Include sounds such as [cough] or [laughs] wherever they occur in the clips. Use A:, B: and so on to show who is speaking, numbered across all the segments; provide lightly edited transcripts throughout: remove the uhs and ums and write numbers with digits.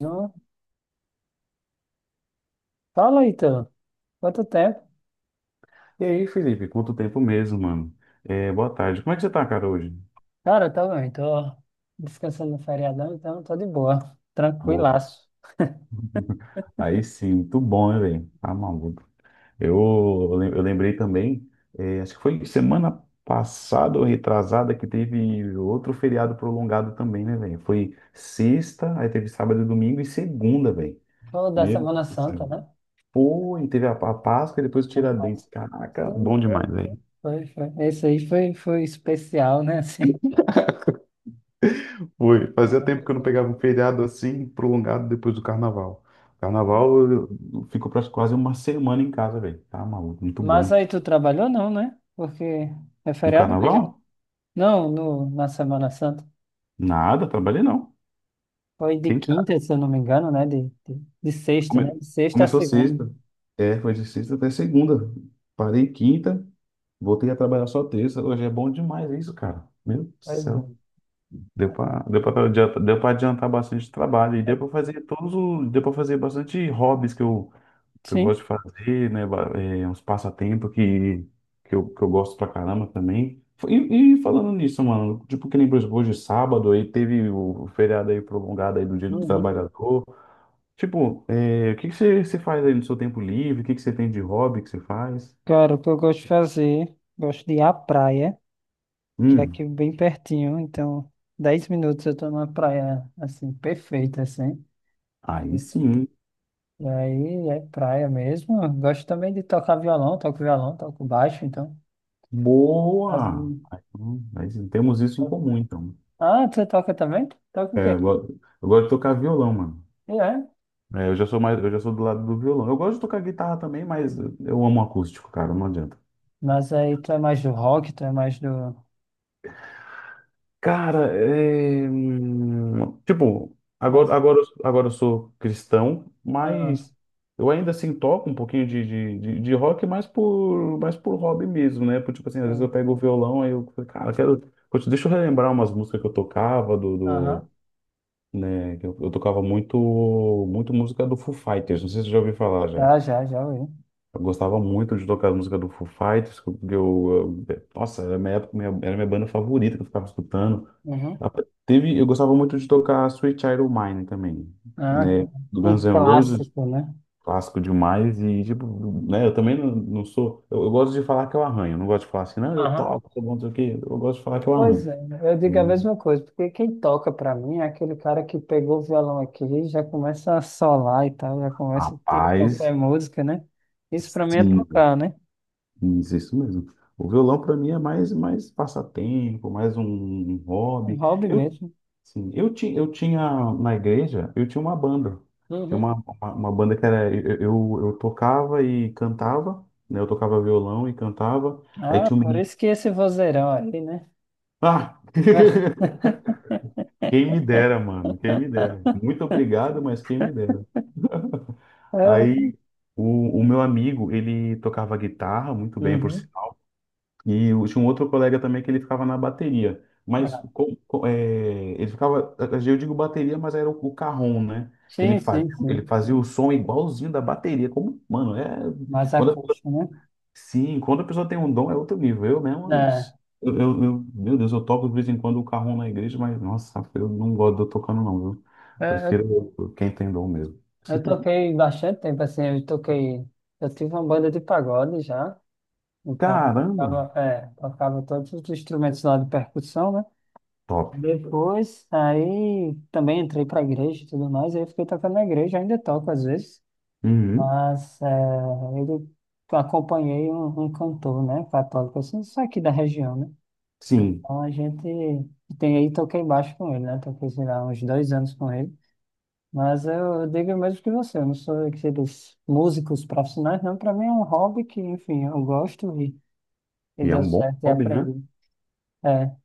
A: Não. Fala, Ítalo. Quanto tempo?
B: E aí, Felipe, quanto tempo mesmo, mano? É, boa tarde. Como é que você tá, cara, hoje?
A: Cara, tá bem, tô descansando no feriadão, então tô de boa,
B: Boa.
A: tranquilaço.
B: [laughs] Aí sim, muito bom, né, velho? Tá maluco. Eu, eu lembrei também, é, acho que foi semana passada ou retrasada que teve outro feriado prolongado também, né, velho? Foi sexta, aí teve sábado e domingo e segunda, velho.
A: Falou da
B: Meu
A: Semana
B: Deus do céu.
A: Santa, né?
B: Foi, teve a Páscoa e depois o
A: Da roça.
B: Tiradentes. Caraca,
A: Sim,
B: bom
A: foi,
B: demais,
A: foi.
B: velho.
A: Foi, foi. Esse aí foi, foi especial, né? [laughs] Assim.
B: Foi fazia tempo que eu não
A: Maravilhoso.
B: pegava um feriado assim prolongado depois do carnaval. Carnaval, eu fico quase uma semana em casa, velho. Tá maluco, muito
A: Mas
B: bom.
A: aí tu trabalhou não, né? Porque é
B: No
A: feriado
B: carnaval?
A: mesmo. Não, no, na Semana Santa.
B: Nada, trabalhei não.
A: Foi de
B: Fiquei em
A: quinta, se eu não me engano, né? De sexta, né?
B: Come-
A: De sexta a
B: Começou
A: segunda.
B: sexta. É, foi de sexta até segunda. Parei quinta, voltei a trabalhar só terça. Hoje é bom demais isso, cara. Meu Deus do
A: Pois é.
B: céu. Deu pra adiantar bastante trabalho e deu
A: Foi-
B: pra fazer todos os, deu pra fazer bastante hobbies que eu
A: Sim.
B: gosto de fazer, né? É, uns passatempos que eu gosto pra caramba também. E falando nisso, mano, tipo, que nem por exemplo, hoje é sábado, aí teve o feriado aí prolongado aí do Dia do
A: Uhum.
B: Trabalhador. Tipo, é, o que que você faz aí no seu tempo livre? O que que você tem de hobby que você faz?
A: Cara, o que eu gosto de fazer, gosto de ir à praia, que é aqui
B: Hum,
A: bem pertinho, então 10 minutos eu tô numa praia, assim, perfeita, assim.
B: aí sim.
A: E aí é praia mesmo. Eu gosto também de tocar violão, toco baixo, então. Mas,
B: Boa! Aí, aí sim, temos isso em comum, então.
A: Ah, você toca também? Toca o
B: É,
A: quê?
B: eu gosto de tocar violão, mano.
A: É,
B: É, eu já sou mais, eu já sou do lado do violão. Eu gosto de tocar guitarra também, mas eu amo acústico, cara, não adianta.
A: mas aí tu é mais do rock, tu é mais do...
B: Cara, tipo, agora,
A: Mais...
B: agora, agora eu sou cristão,
A: Ah,
B: mas eu ainda assim toco um pouquinho de rock, mais por hobby mesmo, né? Por, tipo assim, às vezes eu
A: sim.
B: pego o violão aí eu, falo, cara, quero, putz, deixa eu relembrar umas músicas que eu tocava, do,
A: Aham.
B: do, né? que Eu, eu tocava muito, muito música do Foo Fighters, não sei se você já ouviu falar já.
A: Já ouvi.
B: Eu gostava muito de tocar as músicas do Foo Fighters, porque nossa, era minha época, era minha banda favorita que eu ficava escutando.
A: Uhum.
B: A- Teve, eu gostava muito de tocar Sweet Child O' Mine também,
A: Ah,
B: né?
A: tá.
B: Do
A: Um
B: Guns N' Roses,
A: clássico, né?
B: clássico demais, e tipo, né, eu também não, não sou, eu gosto de falar que eu arranho, eu não gosto de falar assim, não, eu
A: Aham.
B: toco, sou bom, não sei o quê, eu gosto de falar que eu
A: Pois
B: arranho,
A: é, eu digo a
B: né?
A: mesma coisa, porque quem toca pra mim é aquele cara que pegou o violão aqui e já começa a solar e tal, já começa a tirar qualquer
B: Rapaz,
A: música, né? Isso pra mim é
B: sim,
A: tocar, né?
B: isso isso mesmo. O violão para mim é mais passatempo, mais um
A: Um
B: hobby.
A: hobby mesmo.
B: Sim, eu tinha na igreja, eu tinha uma banda. Tinha uma,
A: Uhum.
B: uma, uma banda que era. Eu tocava e cantava, né? Eu tocava violão e cantava. Aí
A: Ah,
B: tinha um
A: por
B: menino.
A: isso que esse vozeirão aí, né?
B: Ah! [laughs] Quem
A: [laughs]
B: me dera, mano, quem me dera. Muito obrigado, mas quem me dera. Aí
A: É.
B: o meu amigo, ele tocava guitarra muito bem, por, si.
A: Uhum.
B: E eu tinha um outro colega também que ele ficava na bateria. Mas
A: Ah,
B: ele ficava, eu digo bateria, mas era o carrom, né? Que ele
A: sim, sim,
B: fazia, ele
A: sim.
B: fazia o som igualzinho da bateria. Como, mano, é.
A: Mais
B: Quando a pessoa-
A: acústico, né?
B: sim, quando a pessoa tem um dom, é outro nível. Eu mesmo.
A: É,
B: Meu Deus, eu toco de vez em quando o carrom na igreja, mas nossa, eu não gosto de eu tocando, não, viu?
A: eu, eu
B: Prefiro quem tem dom mesmo.
A: eu
B: [laughs]
A: toquei bastante tempo, assim, eu toquei, eu tive uma banda de pagode já. Então,
B: Caramba!
A: tocava todos os instrumentos lá de percussão, né?
B: Top.
A: Depois, aí também entrei para a igreja e tudo mais, aí fiquei tocando na igreja, ainda toco às vezes,
B: Uhum,
A: mas eu acompanhei um cantor, né, católico, assim, só aqui da região, né?
B: sim.
A: Então a gente tem aí, toquei baixo com ele, né? Toquei, sei lá, uns 2 anos com ele. Mas eu digo o mesmo que você, eu não sou aqueles músicos profissionais, não. Para mim é um hobby que, enfim, eu gosto e
B: E é
A: deu
B: um bom
A: certo e
B: hobby, né?
A: aprendi. É,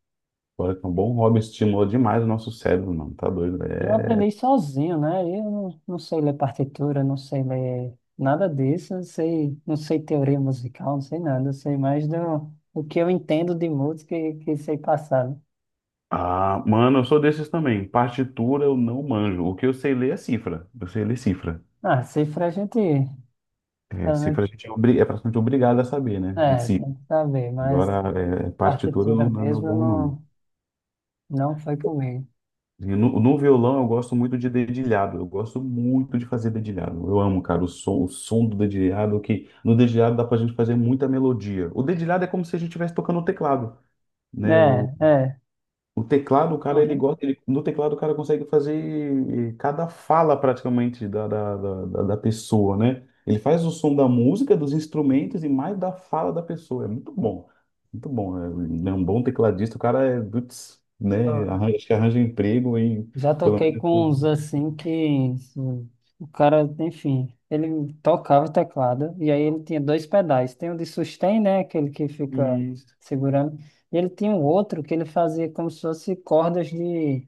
B: Olha que é um bom hobby estimula demais o nosso cérebro, mano. Tá doido, velho.
A: eu aprendi
B: É...
A: sozinho, né? Eu não, não sei ler partitura, não sei ler nada disso, não sei, não sei teoria musical, não sei nada, eu sei mais do que eu entendo de música e que sei passar, né?
B: Ah, mano, eu sou desses também. Partitura eu não manjo. O que eu sei ler é cifra. Eu sei ler cifra.
A: Ah, cifra a gente,
B: É,
A: pelo menos,
B: cifra a gente é praticamente obrigado a saber, né? Sim.
A: tem que saber, mas
B: Agora, partitura não,
A: partitura
B: não é meu
A: mesmo eu
B: bom, não.
A: não, não foi comigo.
B: E no violão eu gosto muito de dedilhado. Eu gosto muito de fazer dedilhado. Eu amo, cara, o som do dedilhado, que no dedilhado dá pra gente fazer muita melodia. O dedilhado é como se a gente estivesse tocando o teclado, né?
A: É, é.
B: O teclado, o cara, ele gosta, ele, no teclado o cara consegue fazer cada fala praticamente da pessoa, né? Ele faz o som da música, dos instrumentos e mais da fala da pessoa. É muito bom, muito bom. É um bom tecladista, o cara é, putz, né?
A: Uhum.
B: Arranja, acho que arranja emprego e
A: Já
B: pelo
A: toquei
B: menos.
A: com uns assim que assim, o cara, enfim, ele tocava o teclado e aí ele tinha dois pedais. Tem o de sustain, né? Aquele que fica
B: Isso.
A: segurando. E ele tinha um outro que ele fazia como se fosse cordas de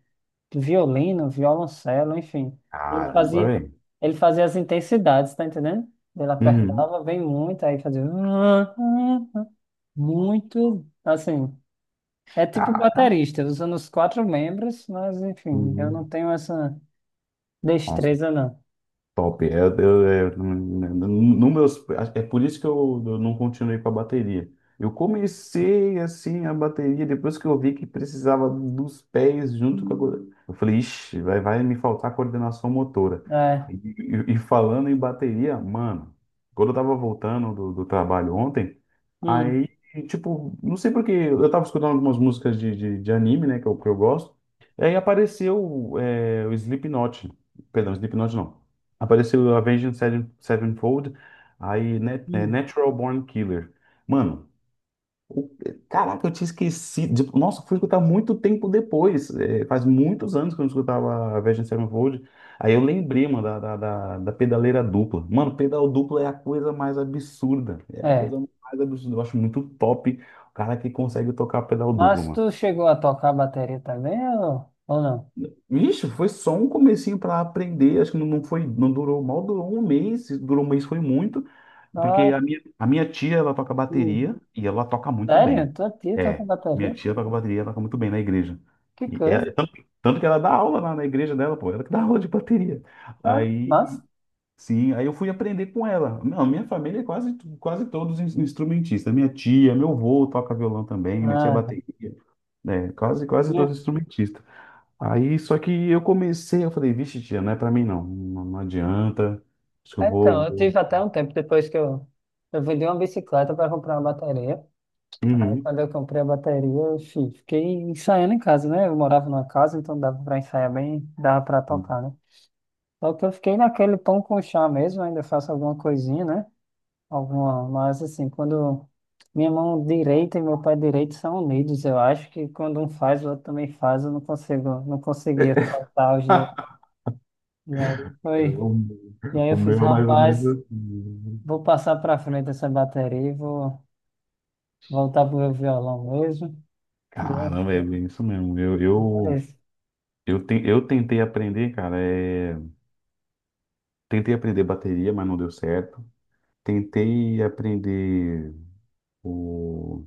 A: violino, violoncelo, enfim. Ele
B: Caramba,
A: fazia,
B: velho.
A: ele fazia as intensidades, tá entendendo? Ele
B: Uhum.
A: apertava bem muito, aí fazia muito, assim. É tipo
B: Caraca.
A: baterista, usando os quatro membros, mas enfim, eu não
B: Uhum.
A: tenho essa. Destreza não.
B: Top. É, eu- é, no meus, é por isso que eu não continuei com a bateria. Eu comecei assim a bateria depois que eu vi que precisava dos pés junto Eu falei, ixi, vai me faltar coordenação motora.
A: É.
B: E falando em bateria, mano, quando eu tava voltando do trabalho ontem,
A: Hum,
B: aí, tipo, não sei porque eu tava escutando algumas músicas de anime, né, que eu gosto, e aí apareceu o Slipknot. Perdão, Slipknot não. Apareceu o Avenged Sevenfold, aí
A: hum.
B: Natural Born Killer. Mano, o- caraca, eu tinha esquecido. Nossa, fui escutar muito tempo depois. É, faz muitos anos que eu não escutava Avenged Sevenfold. Aí eu lembrei, mano, da pedaleira dupla. Mano, pedal dupla é a coisa mais absurda. É a
A: É.
B: coisa mais absurda. Eu acho muito top o cara que consegue tocar pedal duplo,
A: Mas
B: mano.
A: tu chegou a tocar bateria também ou não?
B: Ixi, foi só um comecinho para aprender, acho que não não foi, não durou, mal durou um mês, se durou um mês foi muito,
A: Ah,
B: porque a minha tia, ela toca
A: hum.
B: bateria e ela toca muito
A: Sério?
B: bem.
A: Tua tia toca
B: É, minha
A: bateria?
B: tia toca bateria, ela toca muito bem na igreja.
A: Que
B: E
A: coisa.
B: é- Tanto que ela dá aula lá na igreja dela, pô, ela que dá aula de bateria.
A: Ah,
B: Aí,
A: mas.
B: sim, aí eu fui aprender com ela. Não, minha família é quase, quase todos instrumentistas. Minha tia, meu avô toca violão também, minha tia é
A: Ah, né?
B: bateria, né? Quase, quase todos instrumentistas. Aí, só que eu comecei, eu falei, vixe, tia, não é pra mim não, não, não adianta, acho que eu
A: É, então,
B: vou...
A: eu
B: vou-
A: tive até um tempo depois que eu vendi uma bicicleta para comprar uma bateria. Aí
B: Uhum.
A: quando eu comprei a bateria, eu fiquei ensaiando em casa, né? Eu morava numa casa, então dava para ensaiar bem, dava para tocar, né? Só que eu fiquei naquele pão com chá mesmo, ainda faço alguma coisinha, né? Alguma, mas assim, quando minha mão direita e meu pé direito são unidos, eu acho que quando um faz, o outro também faz, eu não consigo, não conseguia soltar os dois.
B: [laughs]
A: E aí foi, e aí
B: O
A: eu
B: o
A: fiz,
B: meu é mais ou menos
A: rapaz,
B: assim.
A: vou passar para frente essa bateria e vou voltar pro meu violão mesmo. E
B: Caramba, é bem isso mesmo. Eu,
A: é
B: eu,
A: isso.
B: eu, ten- eu tentei aprender, cara, tentei aprender bateria, mas não deu certo. Tentei aprender o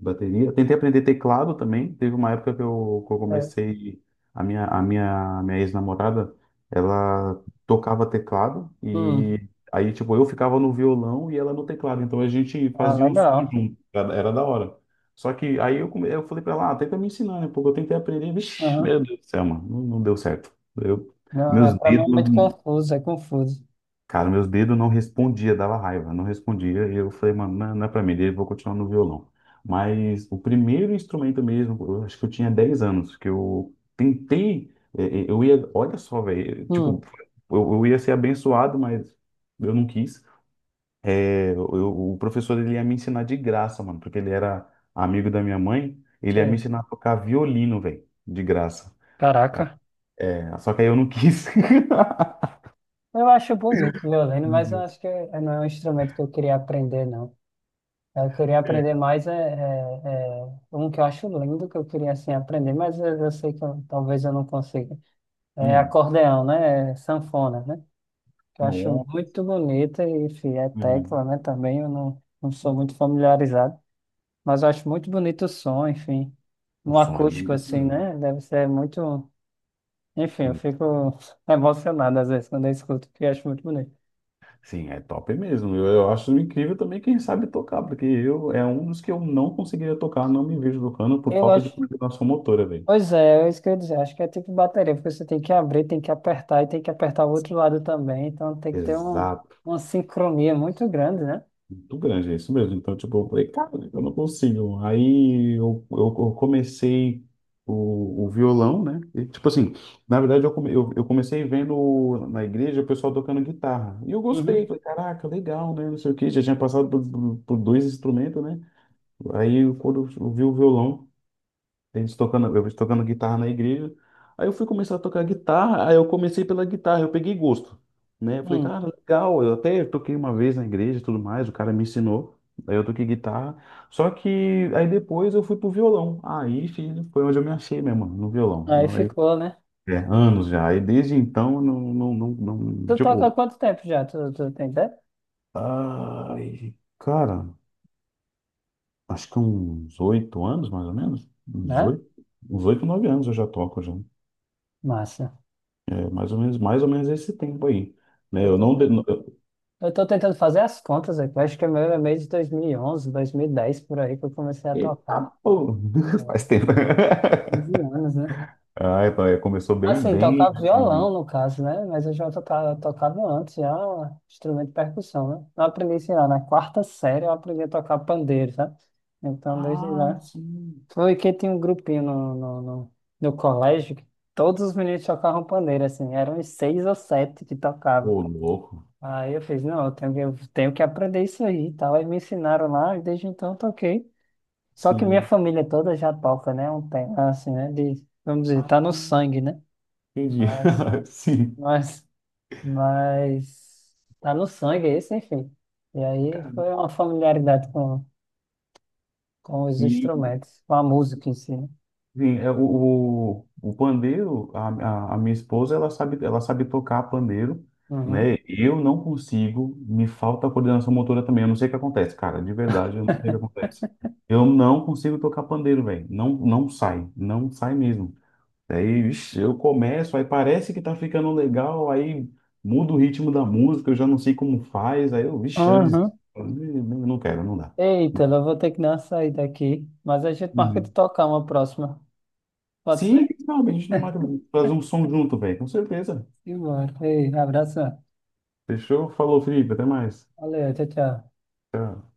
B: bateria. Eu tentei aprender teclado também. Teve uma época que eu
A: É.
B: comecei. A minha ex-namorada, ela tocava teclado
A: Hum,
B: e aí, tipo, eu ficava no violão e ela no teclado. Então a gente
A: ah,
B: fazia um som
A: legal.
B: junto. Era da hora. Só que aí eu falei pra ela, ah, tenta me ensinar, né? Porque eu tentei aprender. Vixe, meu
A: Uhum.
B: Deus do céu, mano. Não, não deu certo. Eu,
A: Não,
B: meus
A: para mim é muito
B: dedos.
A: confuso, é confuso.
B: Cara, meus dedos não respondia, dava raiva, não respondia. E eu falei, mano, não, não é pra mim, eu vou continuar no violão. Mas o primeiro instrumento mesmo, eu acho que eu tinha 10 anos, que eu tentei, eu ia, olha só, velho, tipo,
A: Hum,
B: eu ia ser abençoado, mas eu não quis. É, o professor ele ia me ensinar de graça, mano, porque ele era amigo da minha mãe, ele ia me
A: sei.
B: ensinar a tocar violino, velho, de graça.
A: Caraca.
B: É, só que aí eu não quis. [laughs]
A: Eu acho bonito o violino,
B: Meu
A: mas eu
B: Deus.
A: acho que é- não é um instrumento que eu queria aprender, não. Eu queria
B: É.
A: aprender mais, um que eu acho lindo que eu queria assim, aprender, mas eu sei que talvez eu não consiga. É
B: Hum,
A: acordeão, né? É sanfona, né? Que eu acho
B: nossa.
A: muito bonita e, enfim, é tecla, né? Também eu não sou muito familiarizado, mas eu acho muito bonito o som, enfim.
B: O
A: Um
B: som é
A: acústico
B: bonito
A: assim,
B: mesmo.
A: né? Deve ser muito. Enfim, eu
B: Sim,
A: fico [laughs] emocionado às vezes quando eu escuto, porque eu acho muito bonito.
B: sim, é top mesmo. Eu acho incrível também quem sabe tocar, porque eu é um dos que eu não conseguiria tocar, não me vejo tocando por
A: Eu
B: falta de
A: acho.
B: coordenação motora, velho.
A: Pois é, é isso que eu ia dizer. Acho que é tipo bateria, porque você tem que abrir, tem que apertar e tem que apertar o outro lado também. Então tem que ter um,
B: Exato.
A: uma sincronia muito grande, né?
B: Muito grande, é isso mesmo. Então, tipo, eu falei, cara, eu não consigo. Aí eu comecei o violão, né? E, tipo assim, na verdade, eu comecei vendo na igreja o pessoal tocando guitarra. E eu gostei,
A: Uhum.
B: falei, caraca, legal, né? Não sei o quê. Já tinha passado por, por dois instrumentos, né? Aí quando eu vi o violão, eles tocando, eu tocando guitarra na igreja, aí eu fui começar a tocar guitarra, aí eu comecei pela guitarra, eu peguei gosto, né? Eu falei,
A: Hum,
B: cara, legal, eu até toquei uma vez na igreja e tudo mais, o cara me ensinou, aí eu toquei guitarra, só que aí depois eu fui pro violão, aí filho, foi onde eu me achei mesmo, no violão.
A: aí
B: Não, aí,
A: ficou, né?
B: é, anos já, aí desde então, não, não, não,
A: Tu toca há
B: tipo,
A: quanto tempo já? Tu tem ideia?
B: ai, cara, acho que uns 8 anos, mais ou menos. Uns
A: Né?
B: oito, uns oito, 9 anos eu já toco já.
A: Massa.
B: É mais ou menos esse tempo aí. Né,
A: Eu
B: eu
A: tô,
B: não.
A: te- eu tô tentando fazer as contas aqui. Eu acho que o meu é meio de 2011, 2010, por aí que eu comecei a tocar.
B: Eita, pô! [laughs] Faz tempo. [laughs]
A: 15 anos, né?
B: Ai, pai, começou bem,
A: Assim,
B: bem
A: tocava
B: antes de
A: violão,
B: mim.
A: no caso, né? Mas eu já tocava antes, já instrumento de percussão, né? Eu aprendi, sei lá, na quarta série eu aprendi a tocar pandeiro, sabe? Então, desde
B: Ah,
A: lá.
B: sim.
A: Foi que tinha um grupinho no colégio que todos os meninos tocavam pandeiro, assim. Eram uns seis ou sete que tocavam.
B: Ô, louco.
A: Aí eu fiz, não, eu tenho que aprender isso aí e tal. Aí me ensinaram lá e desde então eu toquei. Só que minha
B: Sim.
A: família toda já toca, né? Um tempo, assim, né? De, vamos dizer,
B: Ah,
A: tá no sangue, né?
B: entendi.
A: Mas...
B: [laughs] Sim.
A: Mas mas tá no sangue esse, enfim. E aí
B: Cara,
A: foi uma familiaridade com os
B: sim.
A: instrumentos, com a música em si, né?
B: Sim, é, o pandeiro, a minha esposa, ela sabe tocar pandeiro,
A: Uhum.
B: né? Eu não consigo, me falta coordenação motora também. Eu não sei o que acontece, cara, de verdade, eu não sei o que
A: [laughs]
B: acontece. Eu não consigo tocar pandeiro, velho. Não, não sai, não sai mesmo. Aí, ixi, eu começo, aí parece que tá ficando legal, aí muda o ritmo da música, eu já não sei como faz, aí eu, vixe, eu
A: Uhum.
B: desisto. Eu não quero, não dá.
A: Eita, eu vou ter que dar uma saída aqui, mas a gente marca de
B: Uhum.
A: tocar uma próxima. Pode
B: Sim,
A: ser?
B: sabe, a gente não vai fazer um som junto, velho, com certeza.
A: Embora. Ei, abraço.
B: Fechou? Falou, Felipe. Até mais.
A: Valeu, tchau, tchau.
B: Tchau.